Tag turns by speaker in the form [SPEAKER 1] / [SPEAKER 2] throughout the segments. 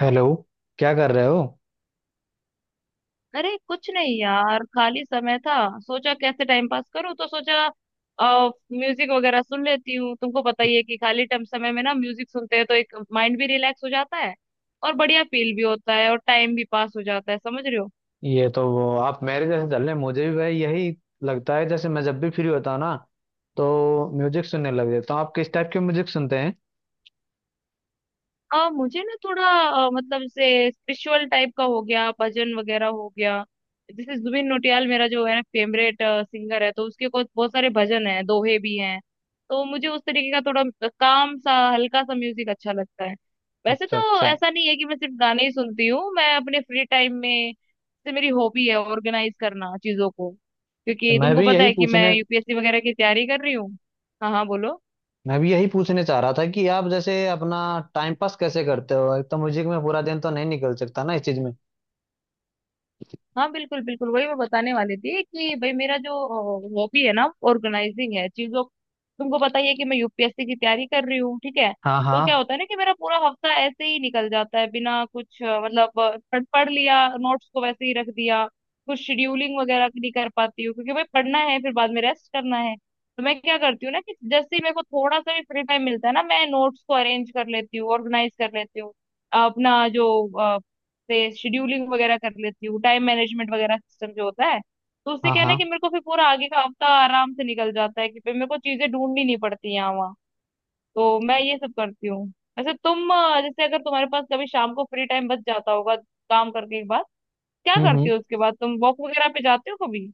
[SPEAKER 1] Hello, क्या कर रहे हो?
[SPEAKER 2] अरे कुछ नहीं यार, खाली समय था। सोचा कैसे टाइम पास करूं, तो सोचा म्यूजिक वगैरह सुन लेती हूँ। तुमको पता ही है कि खाली टाइम समय में ना म्यूजिक सुनते हैं तो एक माइंड भी रिलैक्स हो जाता है, और बढ़िया फील भी होता है और टाइम भी पास हो जाता है, समझ रहे हो।
[SPEAKER 1] ये तो वो आप मेरे जैसे चल रहे हैं। मुझे भी भाई यही लगता है, जैसे मैं जब भी फ्री होता हूँ ना तो म्यूजिक सुनने लग जाता हूँ। आप किस टाइप के म्यूजिक सुनते हैं?
[SPEAKER 2] मुझे ना थोड़ा मतलब जैसे स्पिरिचुअल टाइप का हो गया, भजन वगैरह हो गया। जैसे जुबिन नौटियाल मेरा जो है ना फेवरेट सिंगर है, तो उसके कुछ बहुत सारे भजन हैं, दोहे भी हैं। तो मुझे उस तरीके का थोड़ा काम सा हल्का सा म्यूजिक अच्छा लगता है। वैसे
[SPEAKER 1] अच्छा
[SPEAKER 2] तो
[SPEAKER 1] अच्छा।
[SPEAKER 2] ऐसा नहीं है कि मैं सिर्फ गाने ही सुनती हूँ, मैं अपने फ्री टाइम में जैसे मेरी हॉबी है ऑर्गेनाइज करना चीजों को,
[SPEAKER 1] तो
[SPEAKER 2] क्योंकि
[SPEAKER 1] मैं
[SPEAKER 2] तुमको
[SPEAKER 1] भी
[SPEAKER 2] पता
[SPEAKER 1] यही
[SPEAKER 2] है कि मैं
[SPEAKER 1] पूछने
[SPEAKER 2] यूपीएससी वगैरह की तैयारी कर रही हूँ। हाँ हाँ बोलो।
[SPEAKER 1] मैं भी यही पूछने चाह रहा था कि आप जैसे अपना टाइम पास कैसे करते हो। एक तो म्यूजिक में पूरा दिन तो नहीं निकल सकता ना इस चीज में।
[SPEAKER 2] हाँ बिल्कुल बिल्कुल, वही मैं बताने वाली थी कि भाई मेरा जो हॉबी है ना ऑर्गेनाइजिंग है चीजों। तुमको पता ही है कि मैं यूपीएससी की तैयारी कर रही हूँ, ठीक है।
[SPEAKER 1] हाँ
[SPEAKER 2] तो क्या
[SPEAKER 1] हाँ।
[SPEAKER 2] होता है ना कि मेरा पूरा हफ्ता ऐसे ही निकल जाता है बिना कुछ, मतलब पढ़ पढ़ लिया नोट्स को वैसे ही रख दिया। कुछ शेड्यूलिंग वगैरह नहीं कर पाती हूँ, क्योंकि भाई पढ़ना है फिर बाद में रेस्ट करना है। तो मैं क्या करती हूँ ना कि जैसे ही मेरे को थोड़ा सा भी फ्री टाइम मिलता है ना, मैं नोट्स को अरेंज कर लेती हूँ, ऑर्गेनाइज कर लेती हूँ। अपना जो से शेड्यूलिंग वगैरह कर लेती हूँ, टाइम मैनेजमेंट वगैरह सिस्टम जो होता है। तो उससे
[SPEAKER 1] हाँ
[SPEAKER 2] क्या है ना
[SPEAKER 1] हाँ।
[SPEAKER 2] कि मेरे को फिर पूरा आगे का हफ्ता आराम से निकल जाता है, कि फिर मेरे को चीजें ढूंढनी नहीं पड़ती यहाँ वहाँ। तो मैं ये सब करती हूँ। वैसे तुम जैसे अगर तुम्हारे पास कभी शाम को फ्री टाइम बच जाता होगा काम करके एक बार, क्या करती
[SPEAKER 1] हम्म।
[SPEAKER 2] हो उसके बाद, तुम वॉक वगैरह पे जाते हो कभी।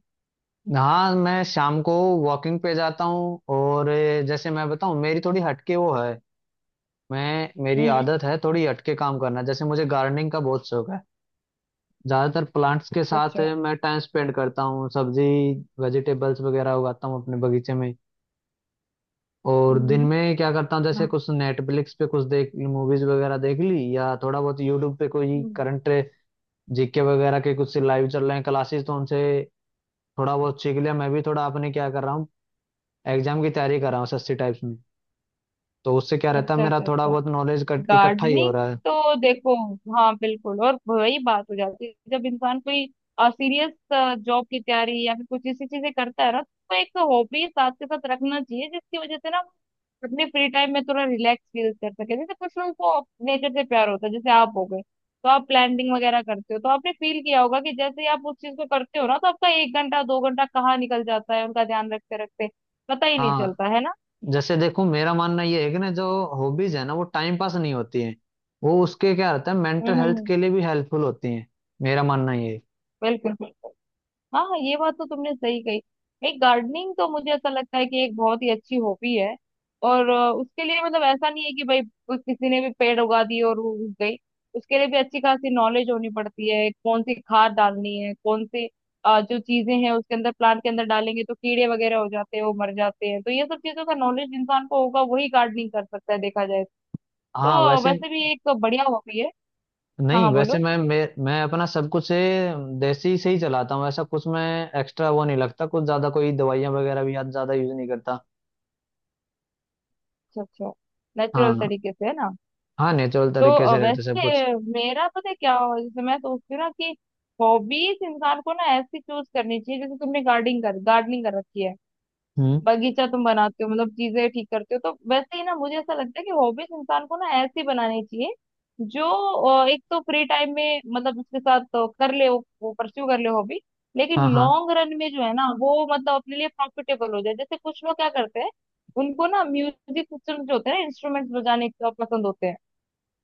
[SPEAKER 1] हाँ, मैं शाम को वॉकिंग पे जाता हूँ। और जैसे मैं बताऊँ, मेरी थोड़ी हटके वो है। मैं मेरी
[SPEAKER 2] हम्म।
[SPEAKER 1] आदत है थोड़ी हटके काम करना। जैसे मुझे गार्डनिंग का बहुत शौक है। ज्यादातर प्लांट्स के
[SPEAKER 2] अच्छा
[SPEAKER 1] साथ
[SPEAKER 2] अच्छा।
[SPEAKER 1] मैं टाइम स्पेंड करता हूँ। सब्जी, वेजिटेबल्स वगैरह उगाता हूँ अपने बगीचे में। और दिन
[SPEAKER 2] हम्म।
[SPEAKER 1] में क्या करता हूँ, जैसे
[SPEAKER 2] हाँ,
[SPEAKER 1] कुछ नेटफ्लिक्स पे कुछ देख, मूवीज वगैरह देख ली, या थोड़ा बहुत यूट्यूब पे कोई
[SPEAKER 2] हम्म।
[SPEAKER 1] करंट जीके वगैरह के कुछ लाइव चल रहे हैं क्लासेस, तो उनसे थोड़ा बहुत सीख लिया। मैं भी थोड़ा अपने क्या कर रहा हूँ, एग्जाम की तैयारी कर रहा हूँ सस्ती टाइप्स में। तो उससे क्या रहता है,
[SPEAKER 2] अच्छा
[SPEAKER 1] मेरा
[SPEAKER 2] अच्छा
[SPEAKER 1] थोड़ा
[SPEAKER 2] अच्छा,
[SPEAKER 1] बहुत नॉलेज इकट्ठा ही हो
[SPEAKER 2] गार्डनिंग।
[SPEAKER 1] रहा है।
[SPEAKER 2] तो देखो, हाँ बिल्कुल, और वही बात हो जाती है, जब इंसान कोई सीरियस जॉब की तैयारी या फिर कुछ ऐसी चीजें करता है ना, तो एक हॉबी साथ के साथ रखना चाहिए, जिसकी वजह से ना वो अपने फ्री टाइम में थोड़ा रिलैक्स फील कर सके। जैसे कुछ लोगों को नेचर से प्यार होता है, जैसे आप हो गए। तो आप प्लानिंग वगैरह करते हो, तो आपने फील किया होगा कि जैसे ही आप उस चीज को करते हो ना, तो आपका एक घंटा दो घंटा कहाँ निकल जाता है उनका ध्यान रखते रखते, पता ही नहीं
[SPEAKER 1] हाँ,
[SPEAKER 2] चलता है ना।
[SPEAKER 1] जैसे देखो, मेरा मानना ये है कि ना जो हॉबीज है ना वो टाइम पास नहीं होती है। वो उसके क्या रहता है, मेंटल
[SPEAKER 2] हम्म
[SPEAKER 1] हेल्थ
[SPEAKER 2] हम्म,
[SPEAKER 1] के लिए भी हेल्पफुल होती है। मेरा मानना ये है।
[SPEAKER 2] बिल्कुल। हाँ हाँ, ये बात तो तुमने सही कही। एक गार्डनिंग तो मुझे ऐसा लगता है कि एक बहुत ही अच्छी हॉबी है। और उसके लिए मतलब ऐसा नहीं है कि भाई कुछ किसी ने भी पेड़ उगा दिए और वो उग गई। उसके लिए भी अच्छी खासी नॉलेज होनी पड़ती है, कौन सी खाद डालनी है, कौन सी जो चीजें हैं उसके अंदर, प्लांट के अंदर डालेंगे तो कीड़े वगैरह हो जाते हैं, वो मर जाते हैं। तो ये सब चीजों का नॉलेज इंसान को होगा वही गार्डनिंग कर सकता है, देखा जाए
[SPEAKER 1] हाँ,
[SPEAKER 2] तो
[SPEAKER 1] वैसे
[SPEAKER 2] वैसे भी एक बढ़िया हॉबी है। हाँ
[SPEAKER 1] नहीं,
[SPEAKER 2] हाँ
[SPEAKER 1] वैसे
[SPEAKER 2] बोलो।
[SPEAKER 1] मैं अपना सब कुछ ये देसी से ही चलाता हूँ। ऐसा कुछ मैं एक्स्ट्रा वो नहीं लगता, कुछ ज्यादा कोई दवाइयाँ वगैरह भी याद ज्यादा यूज नहीं करता।
[SPEAKER 2] अच्छा अच्छा, नेचुरल
[SPEAKER 1] हाँ,
[SPEAKER 2] तरीके से, है ना।
[SPEAKER 1] हाँ नेचुरल
[SPEAKER 2] तो
[SPEAKER 1] तरीके से रहता सब कुछ।
[SPEAKER 2] वैसे मेरा पता है क्या हो, जैसे मैं सोचती हूँ ना कि हॉबीज इंसान को ना ऐसी चूज करनी चाहिए, जैसे तुमने गार्डनिंग कर रखी है,
[SPEAKER 1] हम्म।
[SPEAKER 2] बगीचा तुम बनाते हो, मतलब चीजें ठीक करते हो। तो वैसे ही ना मुझे ऐसा लगता है कि हॉबीज इंसान को ना ऐसी बनानी चाहिए जो एक तो फ्री टाइम में मतलब उसके साथ तो कर ले, वो परस्यू कर ले हॉबी, लेकिन
[SPEAKER 1] हाँ हाँ।
[SPEAKER 2] लॉन्ग रन में जो है ना, वो मतलब अपने लिए प्रॉफिटेबल हो जाए। जैसे कुछ लोग क्या करते हैं, उनको ना म्यूजिक सिस्टम जो होते हैं ना, इंस्ट्रूमेंट्स बजाने का पसंद होते हैं।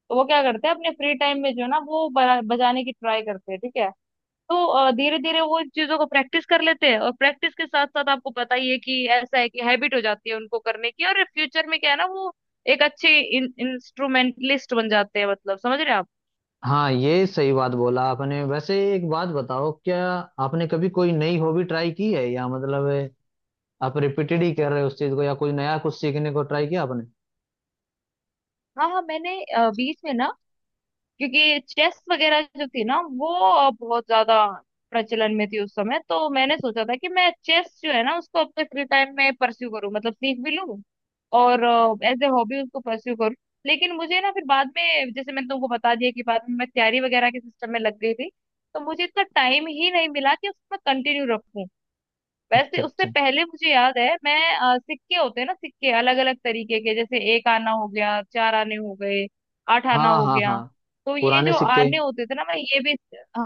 [SPEAKER 2] तो वो क्या करते हैं अपने फ्री टाइम में जो है ना, वो बजाने की ट्राई करते हैं, ठीक है। तो धीरे धीरे वो इन चीजों को प्रैक्टिस कर लेते हैं, और प्रैक्टिस के साथ साथ आपको पता ही है कि ऐसा है कि हैबिट हो जाती है उनको करने की, और फ्यूचर में क्या है ना, वो एक अच्छे इंस्ट्रूमेंटलिस्ट बन जाते हैं, मतलब समझ रहे हैं आप।
[SPEAKER 1] हाँ, ये सही बात बोला आपने। वैसे एक बात बताओ, क्या आपने कभी कोई नई हॉबी ट्राई की है? या मतलब आप रिपीटेड ही कर रहे हो उस चीज को, या कुछ नया कुछ सीखने को ट्राई किया आपने?
[SPEAKER 2] हाँ हाँ, मैंने बीच में ना, क्योंकि चेस वगैरह जो थी ना वो बहुत ज्यादा प्रचलन में थी उस समय, तो मैंने सोचा था कि मैं चेस जो है ना उसको अपने फ्री टाइम में परस्यू करूँ, मतलब सीख भी लूँ, और एज ए हॉबी उसको परस्यू करूँ। लेकिन मुझे ना फिर बाद में, जैसे मैंने तुमको बता दिया, कि बाद में मैं तैयारी वगैरह के सिस्टम में लग गई थी, तो मुझे इतना टाइम ही नहीं मिला कि उसको मैं कंटिन्यू रखूं। वैसे
[SPEAKER 1] अच्छा
[SPEAKER 2] उससे
[SPEAKER 1] अच्छा।
[SPEAKER 2] पहले मुझे याद है, मैं सिक्के होते हैं ना, सिक्के अलग अलग तरीके के, जैसे एक आना हो गया, 4 आने हो गए, 8 आना
[SPEAKER 1] हाँ
[SPEAKER 2] हो
[SPEAKER 1] हाँ
[SPEAKER 2] गया।
[SPEAKER 1] हाँ।
[SPEAKER 2] तो ये
[SPEAKER 1] पुराने
[SPEAKER 2] जो
[SPEAKER 1] सिक्के।
[SPEAKER 2] आने होते थे ना, मैं ये भी,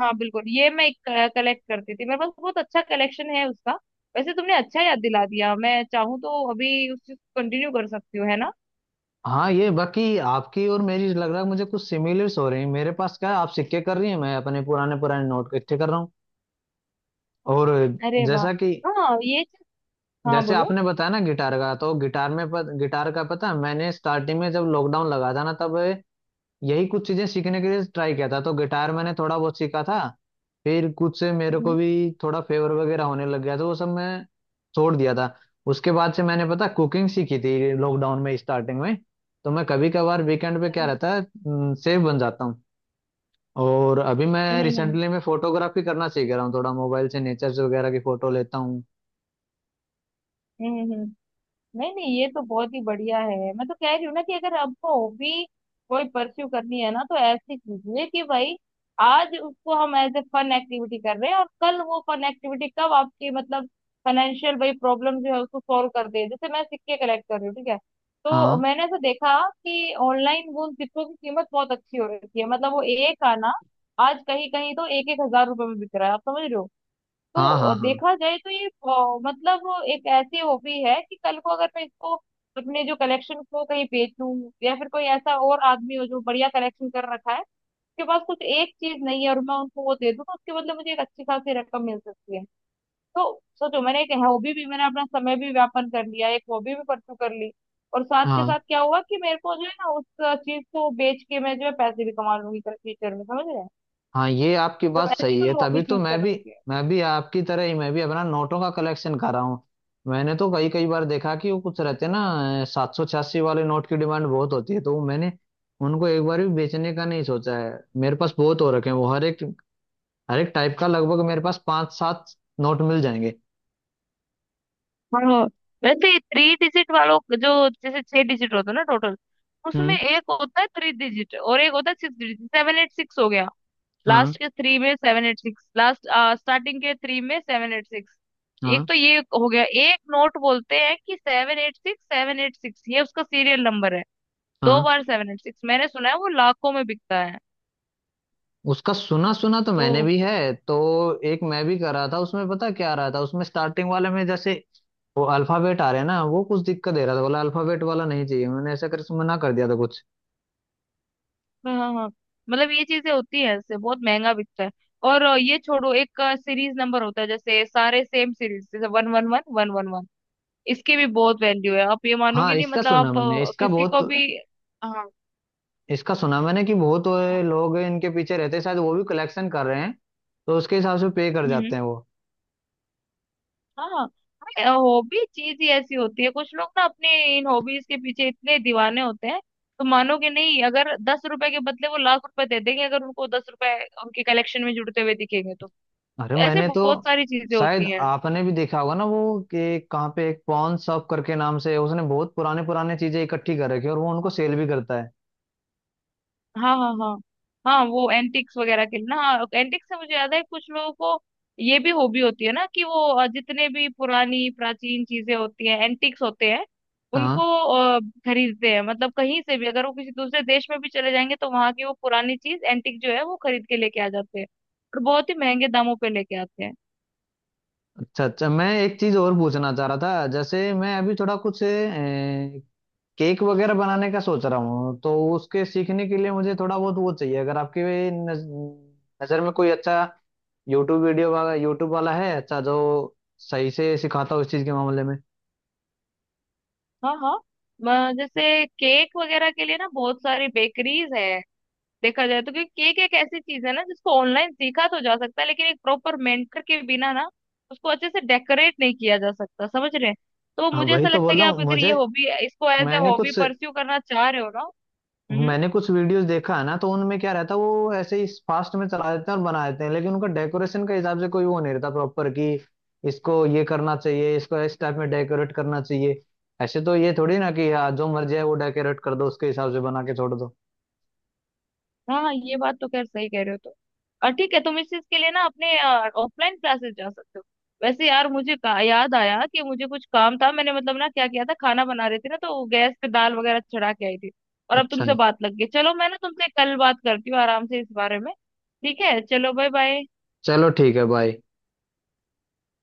[SPEAKER 2] हाँ बिल्कुल, ये मैं कलेक्ट करती थी। मेरे पास बहुत अच्छा कलेक्शन है उसका। वैसे तुमने अच्छा याद दिला दिया, मैं चाहूँ तो अभी उस चीज को कंटिन्यू कर सकती हूँ, है ना।
[SPEAKER 1] हाँ, ये बाकी आपकी और मेरी लग रहा है मुझे कुछ सिमिलर्स हो रही हैं। मेरे पास क्या है, आप सिक्के कर रही हैं, मैं अपने पुराने पुराने नोट इकट्ठे कर रहा हूँ। और
[SPEAKER 2] अरे वाह।
[SPEAKER 1] जैसा कि,
[SPEAKER 2] हाँ ये चीज, हाँ
[SPEAKER 1] जैसे
[SPEAKER 2] बोलो।
[SPEAKER 1] आपने बताया ना गिटार का, तो गिटार में गिटार का पता है, मैंने स्टार्टिंग में जब लॉकडाउन लगा था ना तब यही कुछ चीजें सीखने के लिए ट्राई किया था। तो गिटार मैंने थोड़ा बहुत सीखा था। फिर कुछ से मेरे को
[SPEAKER 2] हम्म
[SPEAKER 1] भी थोड़ा फेवर वगैरह होने लग गया तो वो सब मैं छोड़ दिया था। उसके बाद से मैंने पता कुकिंग सीखी थी लॉकडाउन में स्टार्टिंग में। तो मैं कभी कभार वीकेंड पे क्या रहता है, सेफ बन जाता हूँ। और अभी मैं
[SPEAKER 2] हम्म।
[SPEAKER 1] रिसेंटली मैं फोटोग्राफी करना सीख रहा हूँ, थोड़ा मोबाइल से नेचर वगैरह की फोटो लेता हूँ।
[SPEAKER 2] हम्म, हम्म, नहीं नहीं, ये तो बहुत ही बढ़िया है। मैं तो कह रही हूँ ना कि अगर आपको हॉबी कोई परस्यू करनी है ना, तो ऐसी कीजिए कि भाई आज उसको हम एज ए फन एक्टिविटी कर रहे हैं, और कल वो फन एक्टिविटी कब आपकी मतलब फाइनेंशियल भाई प्रॉब्लम जो है उसको सॉल्व कर दे। जैसे मैं सिक्के कलेक्ट कर रही हूँ, ठीक है। तो
[SPEAKER 1] हाँ
[SPEAKER 2] मैंने ऐसा देखा कि ऑनलाइन वो उन सिक्कों की कीमत बहुत अच्छी हो रखी है, मतलब वो एक आना आज कहीं कहीं तो एक एक हजार रुपए में बिक रहा है, आप समझ रहे हो।
[SPEAKER 1] हाँ।
[SPEAKER 2] तो
[SPEAKER 1] हाँ
[SPEAKER 2] देखा जाए तो ये मतलब एक ऐसी हॉबी है कि कल को अगर मैं इसको, अपने जो कलेक्शन को कहीं बेचूं, या फिर कोई ऐसा और आदमी हो जो बढ़िया कलेक्शन कर रखा है, उसके पास कुछ एक चीज नहीं है और मैं उनको वो दे दूं, तो उसके बदले मुझे एक अच्छी खासी रकम मिल सकती है। तो सोचो, मैंने एक हॉबी भी, मैंने अपना समय भी व्यापन कर लिया, एक हॉबी भी परसू कर ली, और साथ के
[SPEAKER 1] हाँ।
[SPEAKER 2] साथ क्या हुआ कि मेरे को जो है ना उस चीज को बेच के मैं जो है पैसे भी कमा लूंगी फ्यूचर में, समझ रहे हैं।
[SPEAKER 1] हाँ, ये आपकी
[SPEAKER 2] तो
[SPEAKER 1] बात
[SPEAKER 2] ऐसी
[SPEAKER 1] सही
[SPEAKER 2] कोई
[SPEAKER 1] है।
[SPEAKER 2] हॉबी
[SPEAKER 1] तभी तो
[SPEAKER 2] चूज करना चाहिए।
[SPEAKER 1] मैं भी आपकी तरह ही मैं भी अपना नोटों का कलेक्शन कर रहा हूँ। मैंने तो कई कई बार देखा कि वो कुछ रहते हैं ना 786 वाले नोट की डिमांड बहुत होती है, तो मैंने उनको एक बार भी बेचने का नहीं सोचा है। मेरे पास बहुत हो रखे हैं वो, हर एक टाइप का लगभग मेरे पास पांच सात नोट मिल जाएंगे।
[SPEAKER 2] हाँ वैसे थ्री डिजिट वालों का जो, जैसे छह डिजिट होता है ना टोटल, उसमें
[SPEAKER 1] हम्म।
[SPEAKER 2] एक होता है थ्री डिजिट और एक होता है सिक्स डिजिट। 786 हो गया,
[SPEAKER 1] हाँ
[SPEAKER 2] लास्ट के थ्री में 786 लास्ट, स्टार्टिंग के थ्री में 786। एक
[SPEAKER 1] हाँ।
[SPEAKER 2] तो ये हो गया, एक नोट बोलते हैं कि 786 786, ये उसका सीरियल नंबर है, दो
[SPEAKER 1] हाँ,
[SPEAKER 2] बार 786। मैंने सुना है वो लाखों में बिकता है।
[SPEAKER 1] उसका सुना सुना तो
[SPEAKER 2] तो
[SPEAKER 1] मैंने भी है। तो एक मैं भी कर रहा था उसमें, पता क्या रहा था उसमें, स्टार्टिंग वाले में जैसे वो अल्फाबेट आ रहे हैं ना वो कुछ दिक्कत दे रहा था, बोला अल्फाबेट वाला नहीं चाहिए, मैंने ऐसा करके मना कर दिया था कुछ।
[SPEAKER 2] हाँ हाँ हाँ। मतलब ये चीजें होती है, इससे बहुत महंगा बिकता है। और ये छोड़ो, एक सीरीज नंबर होता है, जैसे सारे सेम सीरीज, जैसे 111111, इसके भी बहुत वैल्यू है। आप ये
[SPEAKER 1] हाँ
[SPEAKER 2] मानोगे नहीं,
[SPEAKER 1] इसका
[SPEAKER 2] मतलब
[SPEAKER 1] सुना
[SPEAKER 2] आप
[SPEAKER 1] मैंने इसका
[SPEAKER 2] किसी
[SPEAKER 1] बहुत
[SPEAKER 2] को भी, हाँ हाँ।
[SPEAKER 1] इसका सुना मैंने कि बहुत लोग इनके पीछे रहते हैं, शायद वो भी कलेक्शन कर रहे हैं तो उसके हिसाब से पे कर
[SPEAKER 2] हम्म, हम्म।
[SPEAKER 1] जाते हैं वो।
[SPEAKER 2] हाँ, हॉबी चीज ही ऐसी होती है, कुछ लोग ना अपने इन हॉबीज के पीछे इतने दीवाने होते हैं, तो मानोगे नहीं, अगर 10 रुपए के बदले वो लाख रुपए दे देंगे, अगर उनको 10 रुपए उनके कलेक्शन में जुड़ते हुए दिखेंगे तो।
[SPEAKER 1] अरे
[SPEAKER 2] ऐसे
[SPEAKER 1] मैंने तो
[SPEAKER 2] बहुत सारी चीजें
[SPEAKER 1] शायद
[SPEAKER 2] होती हैं।
[SPEAKER 1] आपने भी देखा होगा ना वो कि कहाँ पे एक पॉन शॉप करके नाम से उसने बहुत पुराने पुराने चीजें इकट्ठी कर रखी है और वो उनको सेल भी करता है।
[SPEAKER 2] हाँ हाँ हाँ, हाँ, वो एंटिक्स वगैरह के लिए ना। एंटिक्स से मुझे याद है, कुछ लोगों को ये भी हॉबी होती है ना, कि वो जितने भी पुरानी प्राचीन चीजें होती हैं, एंटिक्स होते हैं,
[SPEAKER 1] हाँ।
[SPEAKER 2] उनको अ, खरीदते हैं। मतलब कहीं से भी अगर वो किसी दूसरे देश में भी चले जाएंगे, तो वहां की वो पुरानी चीज एंटिक जो है वो खरीद के लेके आ जाते हैं, और बहुत ही महंगे दामों पे लेके आते हैं।
[SPEAKER 1] अच्छा अच्छा, मैं एक चीज और पूछना चाह रहा था। जैसे मैं अभी थोड़ा कुछ केक वगैरह बनाने का सोच रहा हूँ, तो उसके सीखने के लिए मुझे थोड़ा बहुत वो चाहिए। अगर आपकी नज़र में कोई अच्छा यूट्यूब वीडियो वाला, यूट्यूब वाला है अच्छा, जो सही से सिखाता हो इस चीज़ के मामले में।
[SPEAKER 2] हाँ हाँ, जैसे केक वगैरह के लिए ना बहुत सारी बेकरीज है, देखा जाए तो, क्योंकि केक एक ऐसी चीज है ना जिसको ऑनलाइन सीखा तो जा सकता है, लेकिन एक प्रॉपर मेंटर के बिना ना उसको अच्छे से डेकोरेट नहीं किया जा सकता, समझ रहे हैं। तो
[SPEAKER 1] हाँ
[SPEAKER 2] मुझे
[SPEAKER 1] वही
[SPEAKER 2] ऐसा
[SPEAKER 1] तो
[SPEAKER 2] लगता है
[SPEAKER 1] बोल
[SPEAKER 2] कि
[SPEAKER 1] रहा
[SPEAKER 2] आप
[SPEAKER 1] हूँ,
[SPEAKER 2] अगर ये
[SPEAKER 1] मुझे
[SPEAKER 2] हॉबी, इसको एज ए
[SPEAKER 1] मैंने
[SPEAKER 2] हॉबी
[SPEAKER 1] कुछ
[SPEAKER 2] परस्यू करना चाह रहे हो ना। हम्म,
[SPEAKER 1] मैंने कुछ वीडियोस देखा है ना, तो उनमें क्या रहता है वो ऐसे ही फास्ट में चला देते हैं और बना देते हैं, लेकिन उनका डेकोरेशन के हिसाब से कोई वो नहीं रहता प्रॉपर कि इसको ये करना चाहिए, इसको इस टाइप में डेकोरेट करना चाहिए। ऐसे तो ये थोड़ी ना कि हाँ जो मर्जी है वो डेकोरेट कर दो, उसके हिसाब से बना के छोड़ दो।
[SPEAKER 2] हाँ हाँ, ये बात तो खैर सही कह रहे हो तुम। और ठीक है, तुम इस चीज के लिए ना अपने ऑफलाइन क्लासेस जा सकते हो। वैसे यार मुझे याद आया कि मुझे कुछ काम था, मैंने मतलब ना क्या किया था, खाना बना रही थी ना, तो गैस पे दाल वगैरह चढ़ा के आई थी, और अब
[SPEAKER 1] अच्छा,
[SPEAKER 2] तुमसे बात लग गई। चलो मैं ना तुमसे कल बात करती हूँ आराम से इस बारे में। ठीक है, चलो बाय बाय।
[SPEAKER 1] चलो ठीक है, बाय।